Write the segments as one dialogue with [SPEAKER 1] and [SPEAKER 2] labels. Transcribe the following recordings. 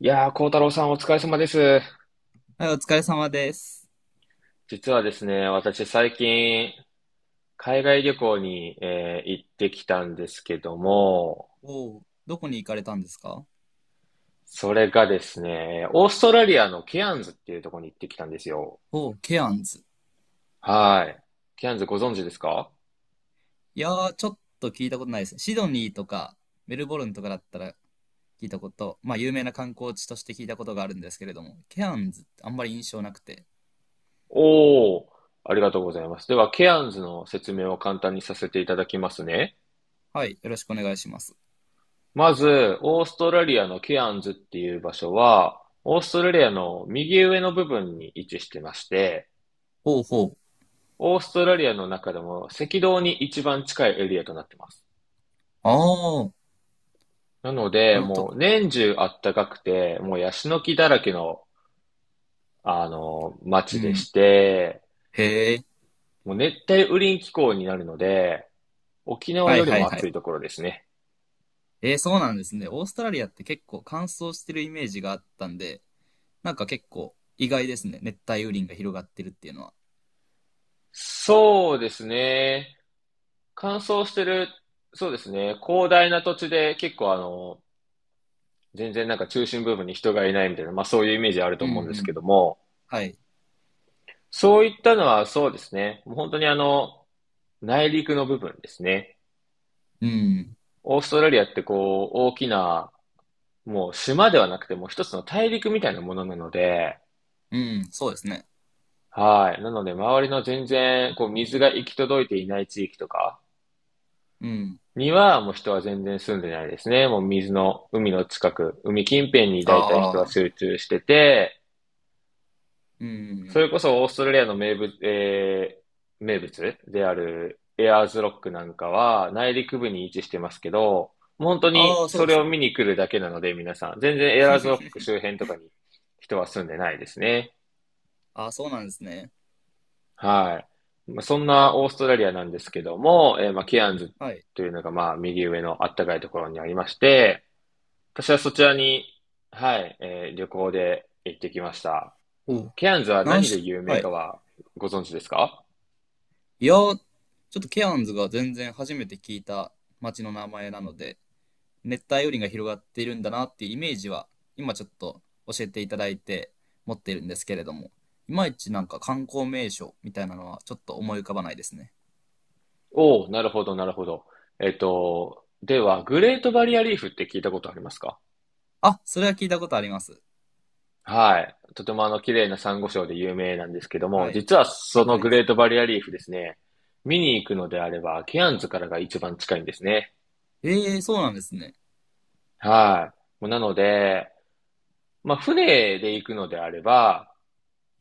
[SPEAKER 1] いやー、幸太郎さんお疲れ様です。
[SPEAKER 2] はい、お疲れ様です。
[SPEAKER 1] 実はですね、私最近、海外旅行に、行ってきたんですけども、
[SPEAKER 2] おお、どこに行かれたんですか？
[SPEAKER 1] それがですね、オーストラリアのケアンズっていうところに行ってきたんですよ。
[SPEAKER 2] おお、ケアンズ。
[SPEAKER 1] はい。ケアンズご存知ですか？
[SPEAKER 2] いやー、ちょっと聞いたことないですね。シドニーとかメルボルンとかだったら聞いたこと、まあ有名な観光地として聞いたことがあるんですけれども、ケアンズってあんまり印象なくて。
[SPEAKER 1] おー、ありがとうございます。では、ケアンズの説明を簡単にさせていただきますね。
[SPEAKER 2] はい、よろしくお願いします。
[SPEAKER 1] まず、オーストラリアのケアンズっていう場所は、オーストラリアの右上の部分に位置してまして、
[SPEAKER 2] ほうほう。
[SPEAKER 1] オーストラリアの中でも赤道に一番近いエリアとなってます。
[SPEAKER 2] ああ、
[SPEAKER 1] なので、
[SPEAKER 2] あの
[SPEAKER 1] も
[SPEAKER 2] と、
[SPEAKER 1] う年中あったかくて、もうヤシの木だらけの、
[SPEAKER 2] う
[SPEAKER 1] 街で
[SPEAKER 2] ん。
[SPEAKER 1] して、
[SPEAKER 2] へえ。
[SPEAKER 1] もう熱帯雨林気候になるので、沖縄
[SPEAKER 2] は
[SPEAKER 1] よ
[SPEAKER 2] い
[SPEAKER 1] り
[SPEAKER 2] は
[SPEAKER 1] も
[SPEAKER 2] いは
[SPEAKER 1] 暑
[SPEAKER 2] い。
[SPEAKER 1] いところですね。
[SPEAKER 2] そうなんですね。オーストラリアって結構乾燥してるイメージがあったんで、なんか結構意外ですね。熱帯雨林が広がってるっていうのは。
[SPEAKER 1] そうですね。乾燥してる、そうですね。広大な土地で結構全然なんか中心部分に人がいないみたいな、まあそういうイメージある
[SPEAKER 2] う
[SPEAKER 1] と
[SPEAKER 2] んう
[SPEAKER 1] 思うんですけど
[SPEAKER 2] ん。
[SPEAKER 1] も、
[SPEAKER 2] はい。
[SPEAKER 1] そういったのはそうですね。もう本当に内陸の部分ですね。
[SPEAKER 2] うん。
[SPEAKER 1] オーストラリアってこう、大きな、もう島ではなくてもう一つの大陸みたいなものなので、
[SPEAKER 2] うん。そうですね。
[SPEAKER 1] はい。なので、周りの全然、こう、水が行き届いていない地域とか
[SPEAKER 2] うん。
[SPEAKER 1] には、もう人は全然住んでないですね。もう水の、海の近く、海近辺に大体人は
[SPEAKER 2] ああ。
[SPEAKER 1] 集中してて、
[SPEAKER 2] う
[SPEAKER 1] そ
[SPEAKER 2] ん。
[SPEAKER 1] れこそオーストラリアの名物であるエアーズロックなんかは内陸部に位置してますけど、もう本当に
[SPEAKER 2] ああ、そう
[SPEAKER 1] そ
[SPEAKER 2] で
[SPEAKER 1] れ
[SPEAKER 2] す
[SPEAKER 1] を
[SPEAKER 2] ね。
[SPEAKER 1] 見に来るだけなので皆さん、全然エアーズロック周 辺とかに人は住んでないですね。
[SPEAKER 2] ああ、そうなんですね。
[SPEAKER 1] はい。まあ、そんなオーストラリアなんですけども、まあ、ケアンズ
[SPEAKER 2] はい。
[SPEAKER 1] というのがまあ右上のあったかいところにありまして、私はそちらに、はい、旅行で行ってきました。
[SPEAKER 2] おう。
[SPEAKER 1] ケアンズは
[SPEAKER 2] なん
[SPEAKER 1] 何で
[SPEAKER 2] し、
[SPEAKER 1] 有名
[SPEAKER 2] はい。
[SPEAKER 1] かはご存知ですか？
[SPEAKER 2] いやー、ちょっとケアンズが全然初めて聞いた町の名前なので、熱帯雨林が広がっているんだなっていうイメージは、今ちょっと教えていただいて持っているんですけれども、いまいちなんか観光名所みたいなのはちょっと思い浮かばないですね。
[SPEAKER 1] おお、なるほど、なるほど。では、グレートバリアリーフって聞いたことありますか？
[SPEAKER 2] あ、それは聞いたことあります。
[SPEAKER 1] はい。とても綺麗なサンゴ礁で有名なんですけども、
[SPEAKER 2] はい。
[SPEAKER 1] 実は
[SPEAKER 2] 世
[SPEAKER 1] その
[SPEAKER 2] 界
[SPEAKER 1] グ
[SPEAKER 2] 遺
[SPEAKER 1] レ
[SPEAKER 2] 産。
[SPEAKER 1] ートバリアリーフですね、見に行くのであれば、ケアンズからが一番近いんですね。
[SPEAKER 2] ええー、そうなんですね。
[SPEAKER 1] はい。もうなので、まあ、船で行くのであれば、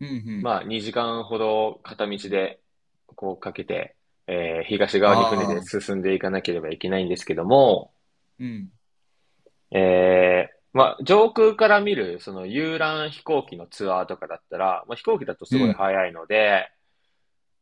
[SPEAKER 2] うんうん。
[SPEAKER 1] まあ、2時間ほど片道で、こうかけて、東側に船で
[SPEAKER 2] ああ。
[SPEAKER 1] 進んでいかなければいけないんですけども、
[SPEAKER 2] うん、
[SPEAKER 1] まあ、上空から見る、その遊覧飛行機のツアーとかだったら、まあ、飛行機だと
[SPEAKER 2] う
[SPEAKER 1] すごい
[SPEAKER 2] ん、
[SPEAKER 1] 早いので、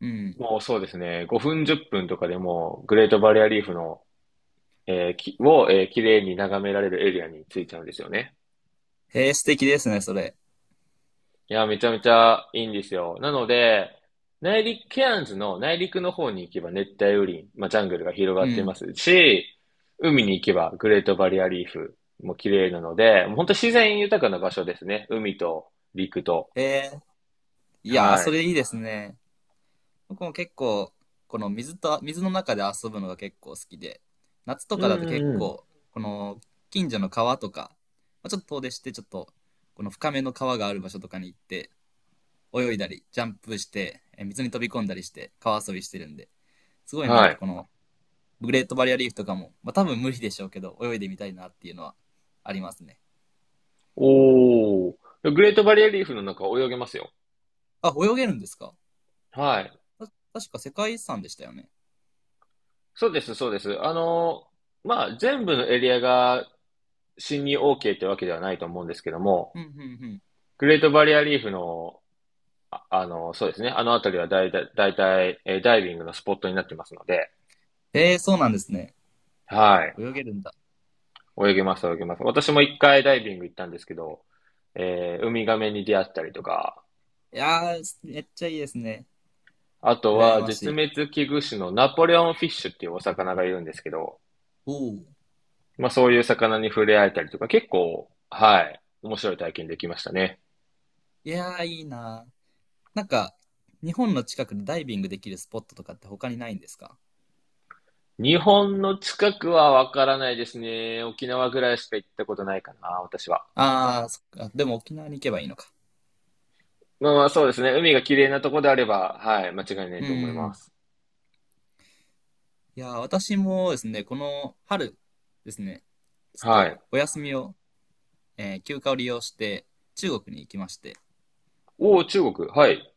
[SPEAKER 2] うん。
[SPEAKER 1] もうそうですね、5分10分とかでも、グレートバリアリーフの、えーきを、えー、綺麗に眺められるエリアに着いちゃうんですよね。
[SPEAKER 2] へえ、素敵ですね、それ。
[SPEAKER 1] いや、めちゃめちゃいいんですよ。なので、内陸、ケアンズの内陸の方に行けば熱帯雨林、まあ、ジャングルが広が
[SPEAKER 2] う
[SPEAKER 1] っていま
[SPEAKER 2] ん。
[SPEAKER 1] すし、海に行けばグレートバリアリーフも綺麗なので、もう本当自然豊かな場所ですね。海と陸と。
[SPEAKER 2] へえ、いや、
[SPEAKER 1] は
[SPEAKER 2] そ
[SPEAKER 1] い。
[SPEAKER 2] れいいですね。僕も結構、この水と、水の中で遊ぶのが結構好きで、夏と
[SPEAKER 1] う
[SPEAKER 2] か
[SPEAKER 1] ん
[SPEAKER 2] だと
[SPEAKER 1] う
[SPEAKER 2] 結
[SPEAKER 1] んうん。
[SPEAKER 2] 構、この近所の川とか、まあ、ちょっと遠出して、ちょっと、この深めの川がある場所とかに行って、泳いだり、ジャンプして、水に飛び込んだりして、川遊びしてるんで、すごいな
[SPEAKER 1] は
[SPEAKER 2] んか
[SPEAKER 1] い。
[SPEAKER 2] この、グレートバリアリーフとかも、まあ多分無理でしょうけど、泳いでみたいなっていうのはありますね。
[SPEAKER 1] おー。グレートバリアリーフの中泳げますよ。
[SPEAKER 2] あ、泳げるんですか？
[SPEAKER 1] はい。
[SPEAKER 2] た確か世界遺産でしたよね。
[SPEAKER 1] そうです、そうです。まあ、全部のエリアが侵入 OK ってわけではないと思うんですけども、
[SPEAKER 2] うん、うん、うん。
[SPEAKER 1] グレートバリアリーフのそうですね。あの辺りはだいたい、ダイビングのスポットになってますので、
[SPEAKER 2] そうなんですね。
[SPEAKER 1] はい。
[SPEAKER 2] 泳げるんだ。
[SPEAKER 1] 泳げます、泳げます。私も1回ダイビング行ったんですけど、ウミガメに出会ったりとか、
[SPEAKER 2] いやー、めっちゃいいですね。
[SPEAKER 1] あと
[SPEAKER 2] 羨
[SPEAKER 1] は
[SPEAKER 2] まし
[SPEAKER 1] 絶
[SPEAKER 2] い。
[SPEAKER 1] 滅危惧種のナポレオンフィッシュっていうお魚がいるんですけど、
[SPEAKER 2] おお。
[SPEAKER 1] まあそういう魚に触れ合えたりとか、結構、はい、面白い体験できましたね。
[SPEAKER 2] いやー、いいなー。なんか、日本の近くでダイビングできるスポットとかって他にないんですか？
[SPEAKER 1] 日本の近くはわからないですね。沖縄ぐらいしか行ったことないかな、私は。
[SPEAKER 2] ああー、そっか。でも沖縄に行けばいいのか。
[SPEAKER 1] まあまあそうですね。海が綺麗なとこであれば、はい、間違いない
[SPEAKER 2] う
[SPEAKER 1] と思いま
[SPEAKER 2] ん。
[SPEAKER 1] す。
[SPEAKER 2] いやー、私もですね、この春ですね、ちょっ
[SPEAKER 1] はい。
[SPEAKER 2] とお休みを、休暇を利用して中国に行きまして、
[SPEAKER 1] おお、中国。はい。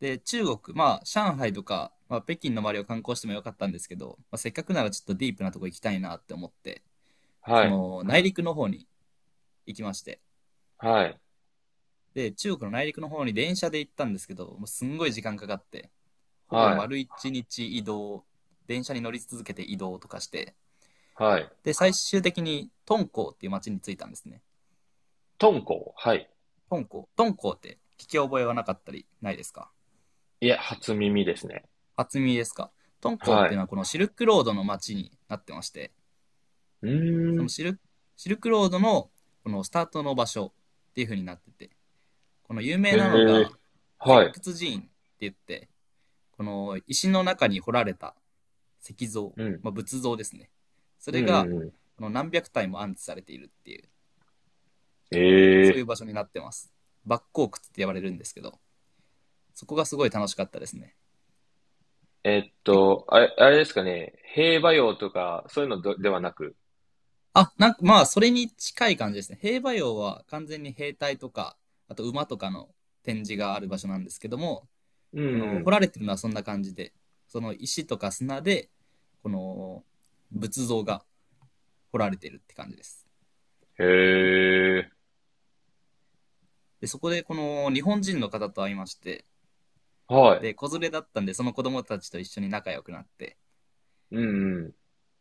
[SPEAKER 2] で、中国、まあ、上海とか、まあ、北京の周りを観光してもよかったんですけど、まあ、せっかくならちょっとディープなとこ行きたいなって思って、そ
[SPEAKER 1] はい。
[SPEAKER 2] の、内陸の方に行きまして、
[SPEAKER 1] はい。
[SPEAKER 2] で、中国の内陸の方に電車で行ったんですけど、もうすんごい時間かかって、ほぼ
[SPEAKER 1] はい。
[SPEAKER 2] 丸一日移動、電車に乗り続けて移動とかして、
[SPEAKER 1] はい。
[SPEAKER 2] で、最終的に敦煌っていう街に着いたんですね。
[SPEAKER 1] 敦煌。はい。
[SPEAKER 2] 敦煌。敦煌って聞き覚えはなかったりないですか？
[SPEAKER 1] いや、初耳ですね。
[SPEAKER 2] 初耳ですか？敦煌っ
[SPEAKER 1] は
[SPEAKER 2] ていう
[SPEAKER 1] い。
[SPEAKER 2] のはこのシルクロードの街になってまして、
[SPEAKER 1] うー
[SPEAKER 2] その
[SPEAKER 1] ん。
[SPEAKER 2] シルクロードのこのスタートの場所っていう風になってて、この有
[SPEAKER 1] へ
[SPEAKER 2] 名なの
[SPEAKER 1] え。
[SPEAKER 2] が石
[SPEAKER 1] はい。
[SPEAKER 2] 窟寺院って言って、この石の中に掘られた石像、
[SPEAKER 1] うん。
[SPEAKER 2] まあ、仏像ですね。そ
[SPEAKER 1] う
[SPEAKER 2] れ
[SPEAKER 1] ん
[SPEAKER 2] が
[SPEAKER 1] うんう
[SPEAKER 2] この何百体も安置されているっていう、
[SPEAKER 1] ん。え
[SPEAKER 2] そうい
[SPEAKER 1] え。
[SPEAKER 2] う場所になってます。バッコークって呼ばれるんですけど、そこがすごい楽しかったですね。け
[SPEAKER 1] あれですかね。兵馬俑とか、そういうのどではなく。
[SPEAKER 2] あ、なんかまあそれに近い感じですね。兵馬俑は完全に兵隊とか、あと馬とかの展示がある場所なんですけども、
[SPEAKER 1] う
[SPEAKER 2] こ
[SPEAKER 1] んう
[SPEAKER 2] の掘
[SPEAKER 1] ん。
[SPEAKER 2] られてるのはそんな感じで、その石とか砂で、この仏像が掘られてるって感じです。
[SPEAKER 1] へえ。
[SPEAKER 2] で、そこでこの日本人の方と会いまして、
[SPEAKER 1] はい。
[SPEAKER 2] で、子連れだったんで、その子供たちと一緒に仲良くなって、
[SPEAKER 1] うん。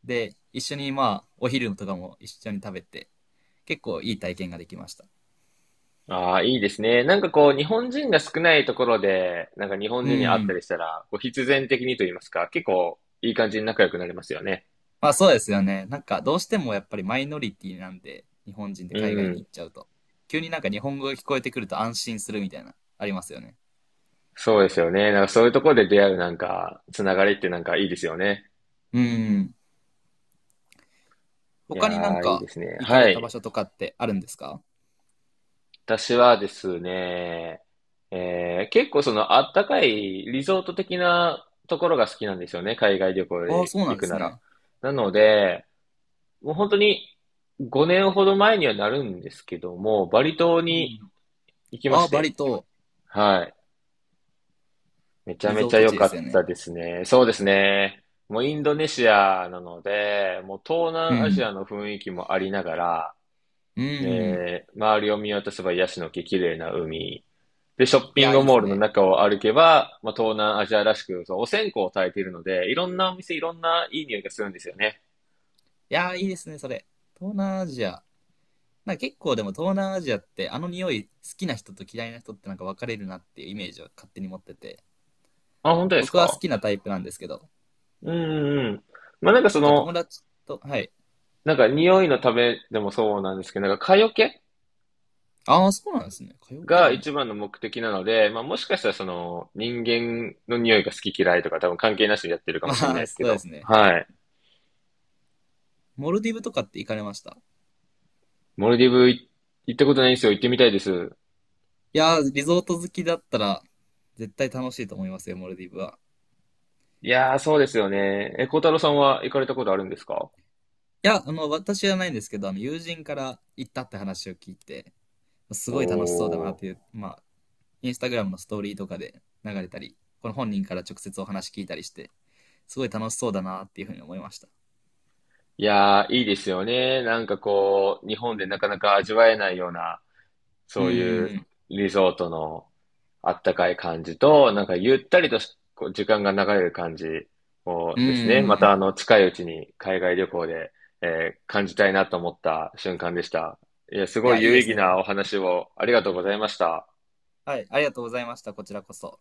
[SPEAKER 2] で、一緒にまあ、お昼とかも一緒に食べて、結構いい体験ができました。
[SPEAKER 1] ああ、いいですね。なんかこう、日本人が少ないところで、なんか日本
[SPEAKER 2] う
[SPEAKER 1] 人に会った
[SPEAKER 2] ん。
[SPEAKER 1] りしたら、こう必然的にと言いますか、結構いい感じに仲良くなりますよね。
[SPEAKER 2] まあそうですよね。なんかどうしてもやっぱりマイノリティなんで、日本人で
[SPEAKER 1] う
[SPEAKER 2] 海外に行
[SPEAKER 1] ん。
[SPEAKER 2] っちゃうと。急になんか日本語が聞こえてくると安心するみたいな、ありますよね。
[SPEAKER 1] そうですよね。なんかそういうところで出会うなんか、つながりってなんかいいですよね。
[SPEAKER 2] うん。
[SPEAKER 1] い
[SPEAKER 2] 他
[SPEAKER 1] や
[SPEAKER 2] になん
[SPEAKER 1] ー、いいで
[SPEAKER 2] か
[SPEAKER 1] すね。
[SPEAKER 2] 行か
[SPEAKER 1] は
[SPEAKER 2] れた場
[SPEAKER 1] い。
[SPEAKER 2] 所とかってあるんですか？
[SPEAKER 1] 私はですね、結構そのあったかいリゾート的なところが好きなんですよね。海外旅行
[SPEAKER 2] ああ、
[SPEAKER 1] で
[SPEAKER 2] そうなん
[SPEAKER 1] 行
[SPEAKER 2] で
[SPEAKER 1] く
[SPEAKER 2] す
[SPEAKER 1] なら。
[SPEAKER 2] ね。
[SPEAKER 1] なので、もう本当に5年ほど前にはなるんですけども、バリ島
[SPEAKER 2] うん。
[SPEAKER 1] に行きま
[SPEAKER 2] ああ、
[SPEAKER 1] し
[SPEAKER 2] バリ
[SPEAKER 1] て、
[SPEAKER 2] 島、
[SPEAKER 1] はい。めちゃ
[SPEAKER 2] リ
[SPEAKER 1] め
[SPEAKER 2] ゾ
[SPEAKER 1] ち
[SPEAKER 2] ー
[SPEAKER 1] ゃ
[SPEAKER 2] ト
[SPEAKER 1] 良
[SPEAKER 2] 地で
[SPEAKER 1] か
[SPEAKER 2] すよ
[SPEAKER 1] った
[SPEAKER 2] ね。
[SPEAKER 1] ですね。そうですね。もうインドネシアなので、もう東
[SPEAKER 2] う
[SPEAKER 1] 南アジ
[SPEAKER 2] ん。
[SPEAKER 1] アの雰囲気もありながら、
[SPEAKER 2] うん。
[SPEAKER 1] 周りを見渡せばヤシの木、綺麗な海。で、ショッ
[SPEAKER 2] い
[SPEAKER 1] ピン
[SPEAKER 2] や、い
[SPEAKER 1] グ
[SPEAKER 2] いで
[SPEAKER 1] モー
[SPEAKER 2] す
[SPEAKER 1] ルの
[SPEAKER 2] ね。
[SPEAKER 1] 中を歩けば、まあ、東南アジアらしく、そう、お線香を焚いているので、いろんなお店、いろんないい匂いがするんですよね。
[SPEAKER 2] いや、いいですね、それ。東南アジア。なんか結構でも東南アジアってあの匂い好きな人と嫌いな人ってなんか分かれるなっていうイメージを勝手に持ってて。
[SPEAKER 1] あ、本当です
[SPEAKER 2] 僕は好
[SPEAKER 1] か？
[SPEAKER 2] きなタイプなんですけど。
[SPEAKER 1] うんうんうん。まあ、なんかそ
[SPEAKER 2] なんか友
[SPEAKER 1] の、
[SPEAKER 2] 達と、はい。
[SPEAKER 1] なんか匂いのためでもそうなんですけど、なんか蚊よけ
[SPEAKER 2] ああ、そうなんですね。カラオケ
[SPEAKER 1] が
[SPEAKER 2] なん
[SPEAKER 1] 一
[SPEAKER 2] だ。
[SPEAKER 1] 番の目的なので、まあもしかしたらその人間の匂いが好き嫌いとか多分関係なしでやってるか
[SPEAKER 2] ま
[SPEAKER 1] もしれない
[SPEAKER 2] あ、
[SPEAKER 1] ですけ
[SPEAKER 2] そうで
[SPEAKER 1] ど、
[SPEAKER 2] すね。
[SPEAKER 1] はい。
[SPEAKER 2] モルディブとかって行かれました？
[SPEAKER 1] モルディブ行ったことないんですよ。行ってみたいです。
[SPEAKER 2] いやー、リゾート好きだったら、絶対楽しいと思いますよ、モルディブは。
[SPEAKER 1] いやー、そうですよね。え、孝太郎さんは行かれたことあるんですか？
[SPEAKER 2] いや、あの、私じゃないんですけど、あの、友人から行ったって話を聞いて、す
[SPEAKER 1] お
[SPEAKER 2] ごい楽しそうだなっ
[SPEAKER 1] ー。
[SPEAKER 2] ていう、まあ、インスタグラムのストーリーとかで流れたり、この本人から直接お話聞いたりして、すごい楽しそうだなっていうふうに思いました。
[SPEAKER 1] いやー、いいですよね。なんかこう、日本でなかなか味わえないような
[SPEAKER 2] う
[SPEAKER 1] そ
[SPEAKER 2] ん
[SPEAKER 1] う
[SPEAKER 2] う
[SPEAKER 1] いう
[SPEAKER 2] ん
[SPEAKER 1] リゾートのあったかい感じと、なんかゆったりと時間が流れる感じも
[SPEAKER 2] うん。う
[SPEAKER 1] ですね、
[SPEAKER 2] んう
[SPEAKER 1] ま
[SPEAKER 2] んう
[SPEAKER 1] た
[SPEAKER 2] ん。
[SPEAKER 1] 近いうちに海外旅行で、感じたいなと思った瞬間でした。いや、す
[SPEAKER 2] い
[SPEAKER 1] ご
[SPEAKER 2] や、
[SPEAKER 1] い
[SPEAKER 2] いい
[SPEAKER 1] 有
[SPEAKER 2] で
[SPEAKER 1] 意
[SPEAKER 2] す
[SPEAKER 1] 義
[SPEAKER 2] ね。
[SPEAKER 1] なお話をありがとうございました。
[SPEAKER 2] はい、ありがとうございました。こちらこそ。